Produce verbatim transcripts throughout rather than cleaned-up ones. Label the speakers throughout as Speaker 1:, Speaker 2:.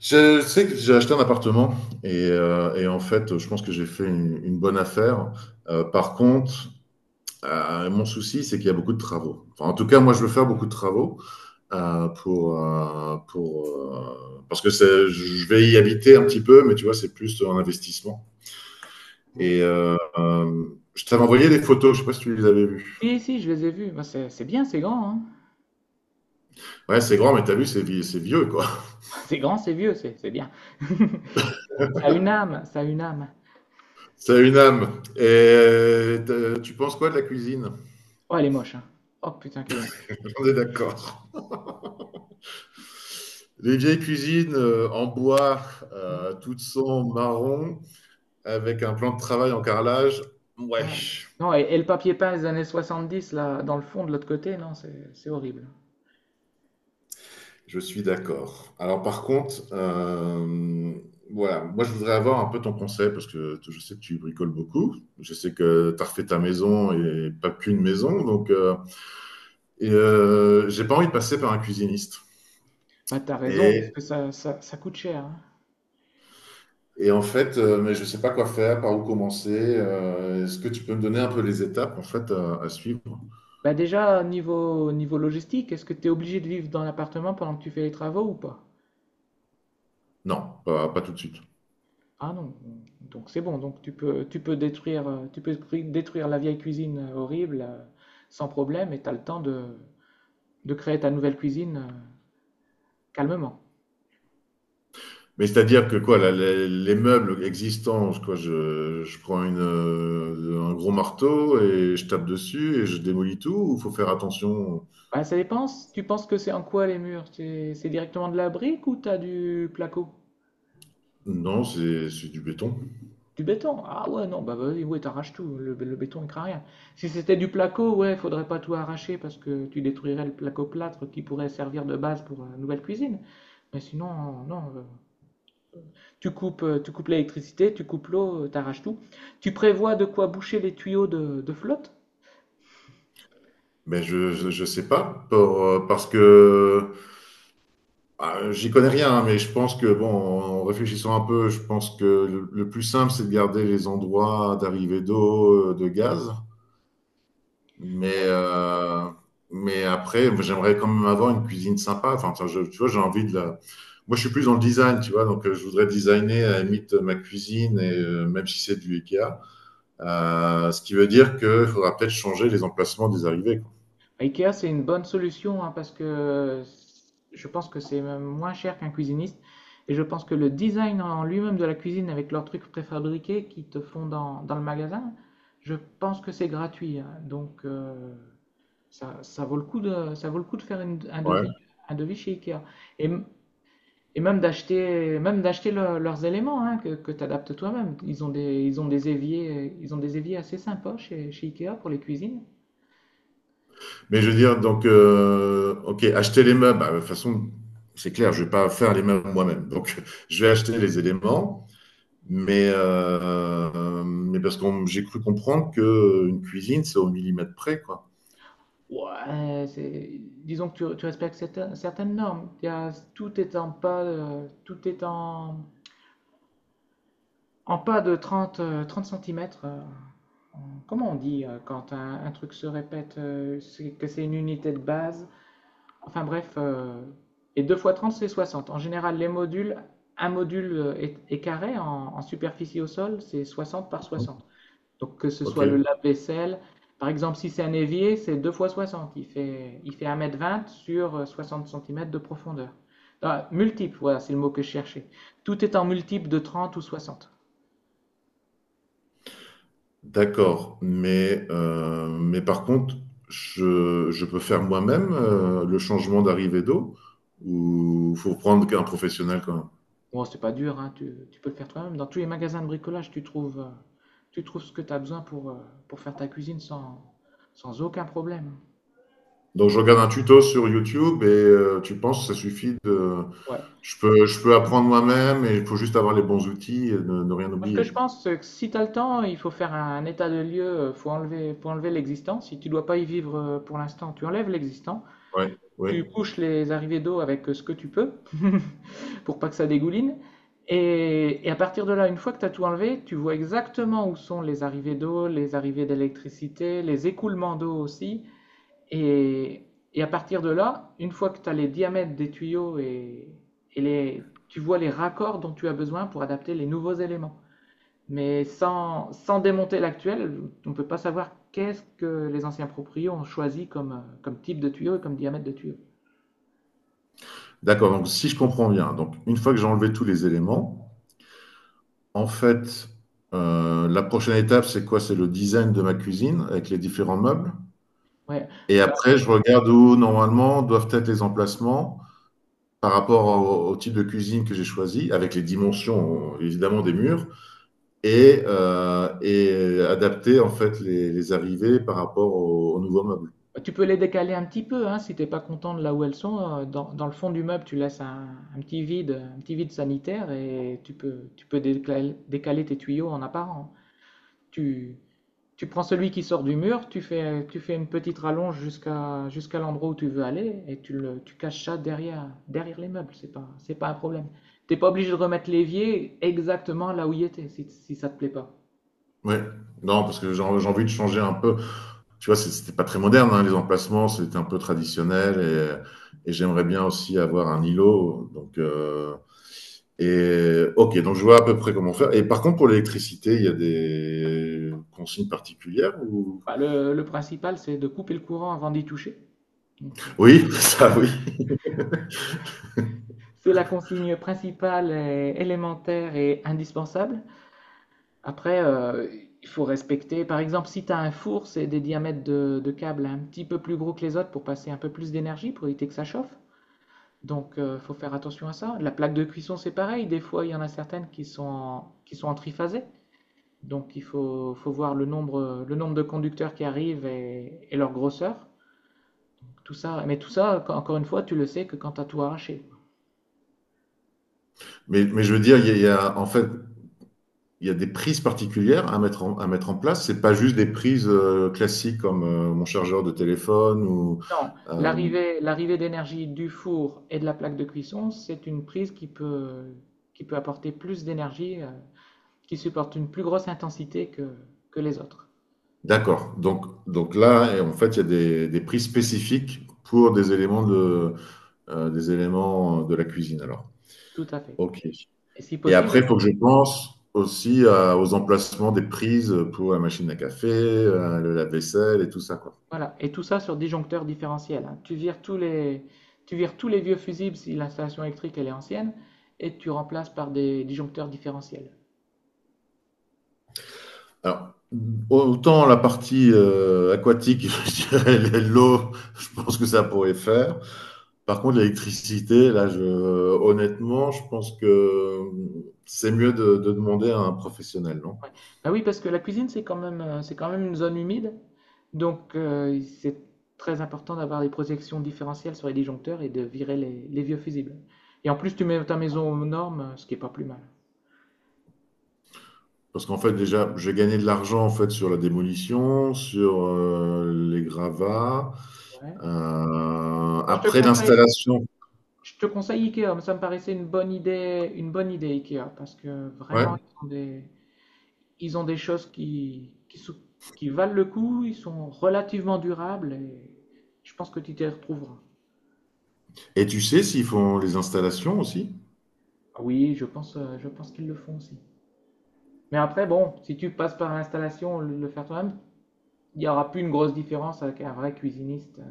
Speaker 1: Je sais que j'ai acheté un appartement et, heu et en fait, je pense que j'ai fait une une bonne affaire. Heu, par contre, heu, mon souci, c'est qu'il y a beaucoup de travaux. Enfin, en tout cas, moi, je veux faire beaucoup de travaux, heu, pour, heu pour, heu parce que c'est je vais y habiter un petit peu, mais tu vois, c'est plus un investissement
Speaker 2: Ouais.
Speaker 1: et heu, hem, je t'avais envoyé des photos, je sais pas si tu les avais vues.
Speaker 2: Si, si, je les ai vus. Bah, c'est c'est bien, c'est grand, hein.
Speaker 1: Ouais, c'est grand, mais t'as vu, c'est vie c'est vieux, quoi.
Speaker 2: C'est grand, c'est vieux, c'est c'est bien. Ça a une âme, ça a une âme.
Speaker 1: Ça a une âme et tu tu penses quoi de la cuisine?
Speaker 2: Oh, elle est moche, hein. Oh putain, qu'elle est moche.
Speaker 1: On est d'accord. Les vieilles cuisines euh, en bois,
Speaker 2: Ouais,
Speaker 1: euh, toutes sont marron, avec un plan de travail en carrelage. Ouais,
Speaker 2: ouais. Non, et, et le papier peint des années soixante dix là, dans le fond, de l'autre côté, non, c'est c'est horrible.
Speaker 1: je suis d'accord. Alors par contre, euh, voilà, moi je voudrais avoir un peu ton conseil parce que t- je sais que tu bricoles beaucoup. Je sais que tu as refait ta maison et pas qu'une maison. Donc, euh, et, euh, j'ai pas envie de passer par un cuisiniste.
Speaker 2: Bah, t'as raison, parce
Speaker 1: Et,
Speaker 2: que ça, ça, ça coûte cher, hein.
Speaker 1: et en fait, euh, mais je sais pas quoi faire, par où commencer. Euh, est-ce que tu peux me donner un peu les étapes en fait à à suivre?
Speaker 2: Bah, déjà, niveau, niveau logistique, est-ce que t'es obligé de vivre dans l'appartement pendant que tu fais les travaux ou pas?
Speaker 1: Non, pas, pas tout de suite.
Speaker 2: Ah non, donc c'est bon, donc tu peux, tu peux détruire, euh, tu peux cru- détruire la vieille cuisine euh, horrible euh, sans problème et tu as le temps de, de créer ta nouvelle cuisine euh, calmement.
Speaker 1: Mais c'est-à-dire que quoi, la- la- les meubles existants, quoi, je, je prends une, euh, un gros marteau et je tape dessus et je démolis tout, ou faut faire attention?
Speaker 2: Bah, ça dépend, si tu penses que c'est en quoi les murs? C'est c'est directement de la brique ou t'as du placo?
Speaker 1: Non, c'est c'est du béton.
Speaker 2: Du béton? Ah ouais, non, bah vas-y, ouais, t'arraches tout, le, le béton il craint rien. Si c'était du placo, ouais, faudrait pas tout arracher parce que tu détruirais le placo-plâtre qui pourrait servir de base pour la nouvelle cuisine. Mais sinon, non, euh, Tu coupes, euh, tu coupes l'électricité, tu coupes l'eau, euh, t'arraches tout. Tu prévois de quoi boucher les tuyaux de, de flotte?
Speaker 1: Mais je, je, je sais pas, pour, euh, parce que ah, j'y connais rien, hein, mais je pense que, bon, en réfléchissant un peu, je pense que le, le plus simple, c'est de garder les endroits d'arrivée d'eau, euh, de gaz. Mais,
Speaker 2: Ouais.
Speaker 1: euh, mais après, j'aimerais quand même avoir une cuisine sympa. Enfin, ça, je- tu vois, j'ai envie de la. Moi, je suis plus dans le design, tu vois. Donc, euh, je voudrais designer à la limite euh, ma cuisine, et, euh, même si c'est du Ikea. Euh, ce qui veut dire qu'il faudra peut-être changer les emplacements des arrivées.
Speaker 2: IKEA, c'est une bonne solution, hein, parce que je pense que c'est même moins cher qu'un cuisiniste. Et je pense que le design en lui-même de la cuisine avec leurs trucs préfabriqués qu'ils te font dans, dans le magasin, je pense que c'est gratuit. hein. Donc euh, ça, ça vaut le coup de, ça vaut le coup de faire une- un
Speaker 1: Quoi. Ouais.
Speaker 2: devis, un devis chez IKEA. Et Et même d'acheter même d'acheter le- leurs éléments, hein, que, que tu adaptes toi-même. Ils ont des, ils ont des éviers, ils ont des éviers assez sympas chez, chez Ikea pour les cuisines.
Speaker 1: Mais je veux dire, donc, euh, ok, acheter les meubles, bah, de toute façon, c'est clair, je vais pas faire les meubles moi-même. Donc, je vais acheter les éléments, mais, euh, mais parce que j'ai cru comprendre que euh, une cuisine, c'est au millimètre près, quoi.
Speaker 2: Ouais, c'est, disons que tu, tu respectes certaines, certaines normes. Il y a- tout est en pas, euh, tout est en, en pas de trente, euh, trente centimètres. comment on dit euh, quand un, un truc se répète, euh, c'est- que c'est une unité de base? Enfin bref, euh, et deux fois trente c'est soixante. En général, les modules, un module euh, est, est carré en, en superficie au sol, c'est soixante par soixante. Donc, que ce
Speaker 1: Ok,
Speaker 2: soit le lave-vaisselle, par exemple, si c'est un évier, c'est deux fois soixante. Il fait, il fait un mètre vingt sur euh, soixante centimètres de profondeur. Ah, multiple, voilà, c'est le mot que je cherchais. Tout est en multiple de trente ou soixante.
Speaker 1: d'accord. Mais, euh, mais par contre, je, je peux faire moi-même euh, le changement d'arrivée d'eau ou faut prendre un professionnel quand même.
Speaker 2: Bon, c'est pas dur, hein, tu, tu peux le faire toi-même. Dans tous les magasins de bricolage, tu trouves, euh, tu trouves ce que tu as besoin, pour, euh, pour faire ta cuisine sans, sans aucun problème.
Speaker 1: Donc je regarde un tuto sur YouTube et euh, tu penses que ça suffit de...
Speaker 2: Ouais. Moi,
Speaker 1: Je peux, je peux apprendre moi-même et il faut juste avoir les bons outils et ne, ne rien
Speaker 2: ce que
Speaker 1: oublier.
Speaker 2: je pense, c'est que si tu as le temps, il faut faire un état de lieu, euh, faut enlever, faut enlever l'existant. Si tu dois pas y vivre, euh, pour l'instant, tu enlèves l'existant.
Speaker 1: Ouais, ouais.
Speaker 2: Tu bouches les arrivées d'eau avec euh, ce que tu peux pour pas que ça dégouline. Et, et à partir de là, une fois que tu as tout enlevé, tu vois exactement où sont les arrivées d'eau, les arrivées d'électricité, les écoulements d'eau aussi. Et, et à partir de là, une fois que tu as les diamètres des tuyaux et, et les, tu vois les raccords dont tu as besoin pour adapter les nouveaux éléments. Mais sans, sans démonter l'actuel, on ne peut pas savoir qu'est-ce que les anciens proprios ont choisi comme, euh, comme type de tuyau et comme diamètre de tuyau.
Speaker 1: D'accord, donc si je comprends bien, donc une fois que j'ai enlevé tous les éléments, en fait, euh, la prochaine étape, c'est quoi? C'est le design de ma cuisine avec les différents meubles.
Speaker 2: Ouais.
Speaker 1: Et
Speaker 2: Bah,
Speaker 1: après, je regarde où normalement doivent être les emplacements par rapport au, au type de cuisine que j'ai choisi, avec les dimensions évidemment des murs, et, euh, et adapter en fait les, les arrivées par rapport aux au nouveaux meubles.
Speaker 2: tu peux les décaler un petit peu, hein, si t'es pas content de là où elles sont. euh, Dans, dans le fond du meuble, tu laisses un, un petit vide, un petit vide sanitaire, et tu peux, tu peux décaler, décaler tes tuyaux en apparent. Tu, Tu prends celui qui sort du mur, tu fais, tu fais une petite rallonge jusqu'à jusqu'à l'endroit où tu veux aller, et tu, le, tu caches ça derrière, derrière les meubles. C'est pas, c'est pas un problème. T'es pas obligé de remettre l'évier exactement là où il était si, si ça ne te plaît pas.
Speaker 1: Ouais. Non, parce que j'ai j'ai envie de changer un peu. Tu vois, c'est- c'était pas très moderne, hein, les emplacements, c'était un peu traditionnel et, et j'aimerais bien aussi avoir un îlot. Donc, euh, et ok, donc je vois à peu près comment faire. Et par contre, pour l'électricité, il y a des consignes particulières ou...
Speaker 2: Bah, le, le principal, c'est de couper le courant avant d'y toucher. euh,
Speaker 1: Oui, ça oui.
Speaker 2: c'est la consigne principale, et élémentaire et indispensable. Après, euh, il faut respecter. Par exemple, si tu as un four, c'est des diamètres de, de câbles un petit peu plus gros que les autres pour passer un peu plus d'énergie, pour éviter que ça chauffe. Donc, il faut faire attention à ça. La plaque de cuisson, c'est pareil. Des fois, il y en a certaines qui sont en, qui sont en triphasé. Donc, il faut, faut voir le nombre, le nombre de conducteurs qui arrivent, et, et leur grosseur. Tout ça, mais tout ça, encore une fois, tu le sais que quand tu as tout arraché.
Speaker 1: Mais, mais je veux dire, il y a, il y a- en fait, il y a des prises particulières à mettre en, à mettre en place. C'est pas juste des prises euh, classiques comme euh, mon chargeur de téléphone ou.
Speaker 2: Non,
Speaker 1: euh,
Speaker 2: l'arrivée, l'arrivée d'énergie du four et de la plaque de cuisson, c'est une prise qui peut, qui peut apporter plus d'énergie, euh, qui supporte une plus grosse intensité que, que les autres.
Speaker 1: d'accord. Donc, donc là, et en fait, il y a des, des prises spécifiques pour des éléments de, euh, des éléments de la cuisine. Alors,
Speaker 2: Tout à fait.
Speaker 1: ok.
Speaker 2: Et si
Speaker 1: Et
Speaker 2: possible,
Speaker 1: après, il faut que je pense aussi à- aux emplacements des prises pour la machine à café, euh, le lave-vaisselle et tout ça, quoi.
Speaker 2: Voilà, et tout ça sur disjoncteur différentiel. hein. Tu vires tous les, tu vires tous les vieux fusibles si l'installation électrique elle est ancienne, et tu remplaces par des disjoncteurs différentiels.
Speaker 1: Alors, autant la partie euh, aquatique, je dirais l'eau, je pense que ça pourrait faire. Par contre, l'électricité, là, je, honnêtement, je pense que c'est mieux de, de demander à un professionnel, non?
Speaker 2: Ouais. Bah oui, parce que la cuisine c'est quand même, euh, c'est quand même une zone humide, donc euh, c'est très important d'avoir des projections différentielles sur les disjoncteurs et de virer les, les vieux fusibles. Et en plus, tu mets ta maison aux normes, ce qui est pas plus mal.
Speaker 1: Parce qu'en fait, déjà, j'ai gagné de l'argent en fait sur la démolition, sur euh, les gravats.
Speaker 2: Ouais.
Speaker 1: Euh,
Speaker 2: Moi, je te
Speaker 1: après
Speaker 2: conseille,
Speaker 1: l'installation,
Speaker 2: je te conseille Ikea, ça me paraissait une bonne idée, une bonne idée, Ikea, parce que vraiment
Speaker 1: ouais.
Speaker 2: ils ont des Ils ont des choses qui, qui, qui valent le coup, ils sont relativement durables, et je pense que tu t'y retrouveras.
Speaker 1: Et tu sais s'ils font les installations aussi?
Speaker 2: Ah Oui, je pense, euh, je pense qu'ils le font aussi. Mais après, bon, si tu passes par l'installation, le, le faire toi-même, il n'y aura plus une grosse différence avec un vrai cuisiniste. euh.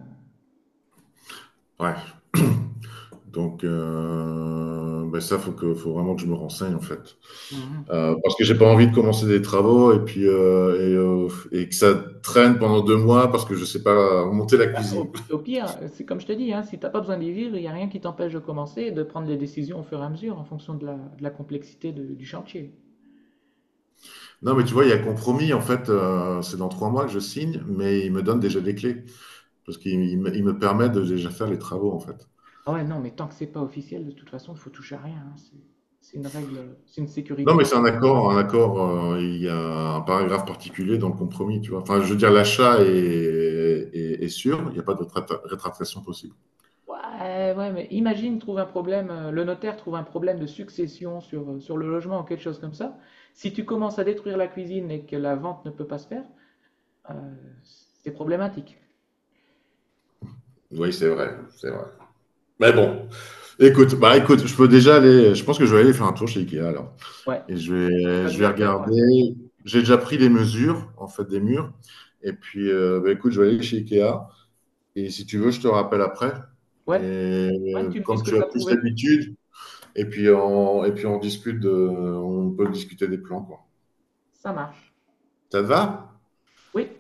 Speaker 1: Ouais. Donc, euh, ben ça, faut que, faut vraiment que je me renseigne en fait,
Speaker 2: Mhm.
Speaker 1: Euh, parce que j'ai pas envie de commencer des travaux et puis euh, et, euh, et que ça traîne pendant deux mois parce que je sais pas monter la cuisine.
Speaker 2: Au, au pire, c'est comme je te dis, hein, si tu n'as pas besoin d'y vivre, il n'y a rien qui t'empêche de commencer et de prendre les décisions au fur et à mesure en fonction de la, de la complexité de- du chantier.
Speaker 1: Non, mais tu vois, il y a compromis en fait. Euh, c'est dans trois mois que je signe, mais ils me donnent déjà des clés parce qu'ils il me ils me permettent de déjà faire les travaux en fait.
Speaker 2: Ah ouais, non, mais tant que c'est pas officiel, de toute façon, il faut toucher à rien. hein. C'est c'est une règle, c'est une
Speaker 1: Non,
Speaker 2: sécurité
Speaker 1: mais
Speaker 2: en
Speaker 1: c'est un accord, un accord, euh, il y a un paragraphe particulier dans le compromis, tu vois. Enfin, je veux dire, l'achat est, est- est sûr, il n'y a pas de rétra- rétractation possible.
Speaker 2: Ouais, ouais, mais imagine, trouve un problème, euh, le notaire trouve un problème de succession sur, euh, sur le logement ou quelque chose comme ça. Si tu commences à détruire la cuisine et que la vente ne peut pas se faire, euh, c'est problématique.
Speaker 1: Oui, c'est vrai, c'est vrai. Mais bon, écoute, bah écoute, je peux déjà aller, je pense que je vais aller faire un tour chez Ikea alors.
Speaker 2: Ouais.
Speaker 1: Et je
Speaker 2: C'est ce que tu
Speaker 1: vais,
Speaker 2: as de
Speaker 1: je vais
Speaker 2: mieux à faire pour l'instant.
Speaker 1: regarder, j'ai déjà pris les mesures, en fait, des murs. Et puis, euh, bah, écoute, je vais aller chez Ikea. Et si tu veux, je te rappelle après. Et
Speaker 2: Ouais. Ouais,
Speaker 1: euh,
Speaker 2: tu me dis
Speaker 1: comme
Speaker 2: ce que
Speaker 1: tu
Speaker 2: tu
Speaker 1: as
Speaker 2: as
Speaker 1: plus
Speaker 2: trouvé?
Speaker 1: l'habitude, et puis on, et puis on discute de- on peut discuter des plans, quoi.
Speaker 2: Ça marche.
Speaker 1: Ça te va?
Speaker 2: Oui.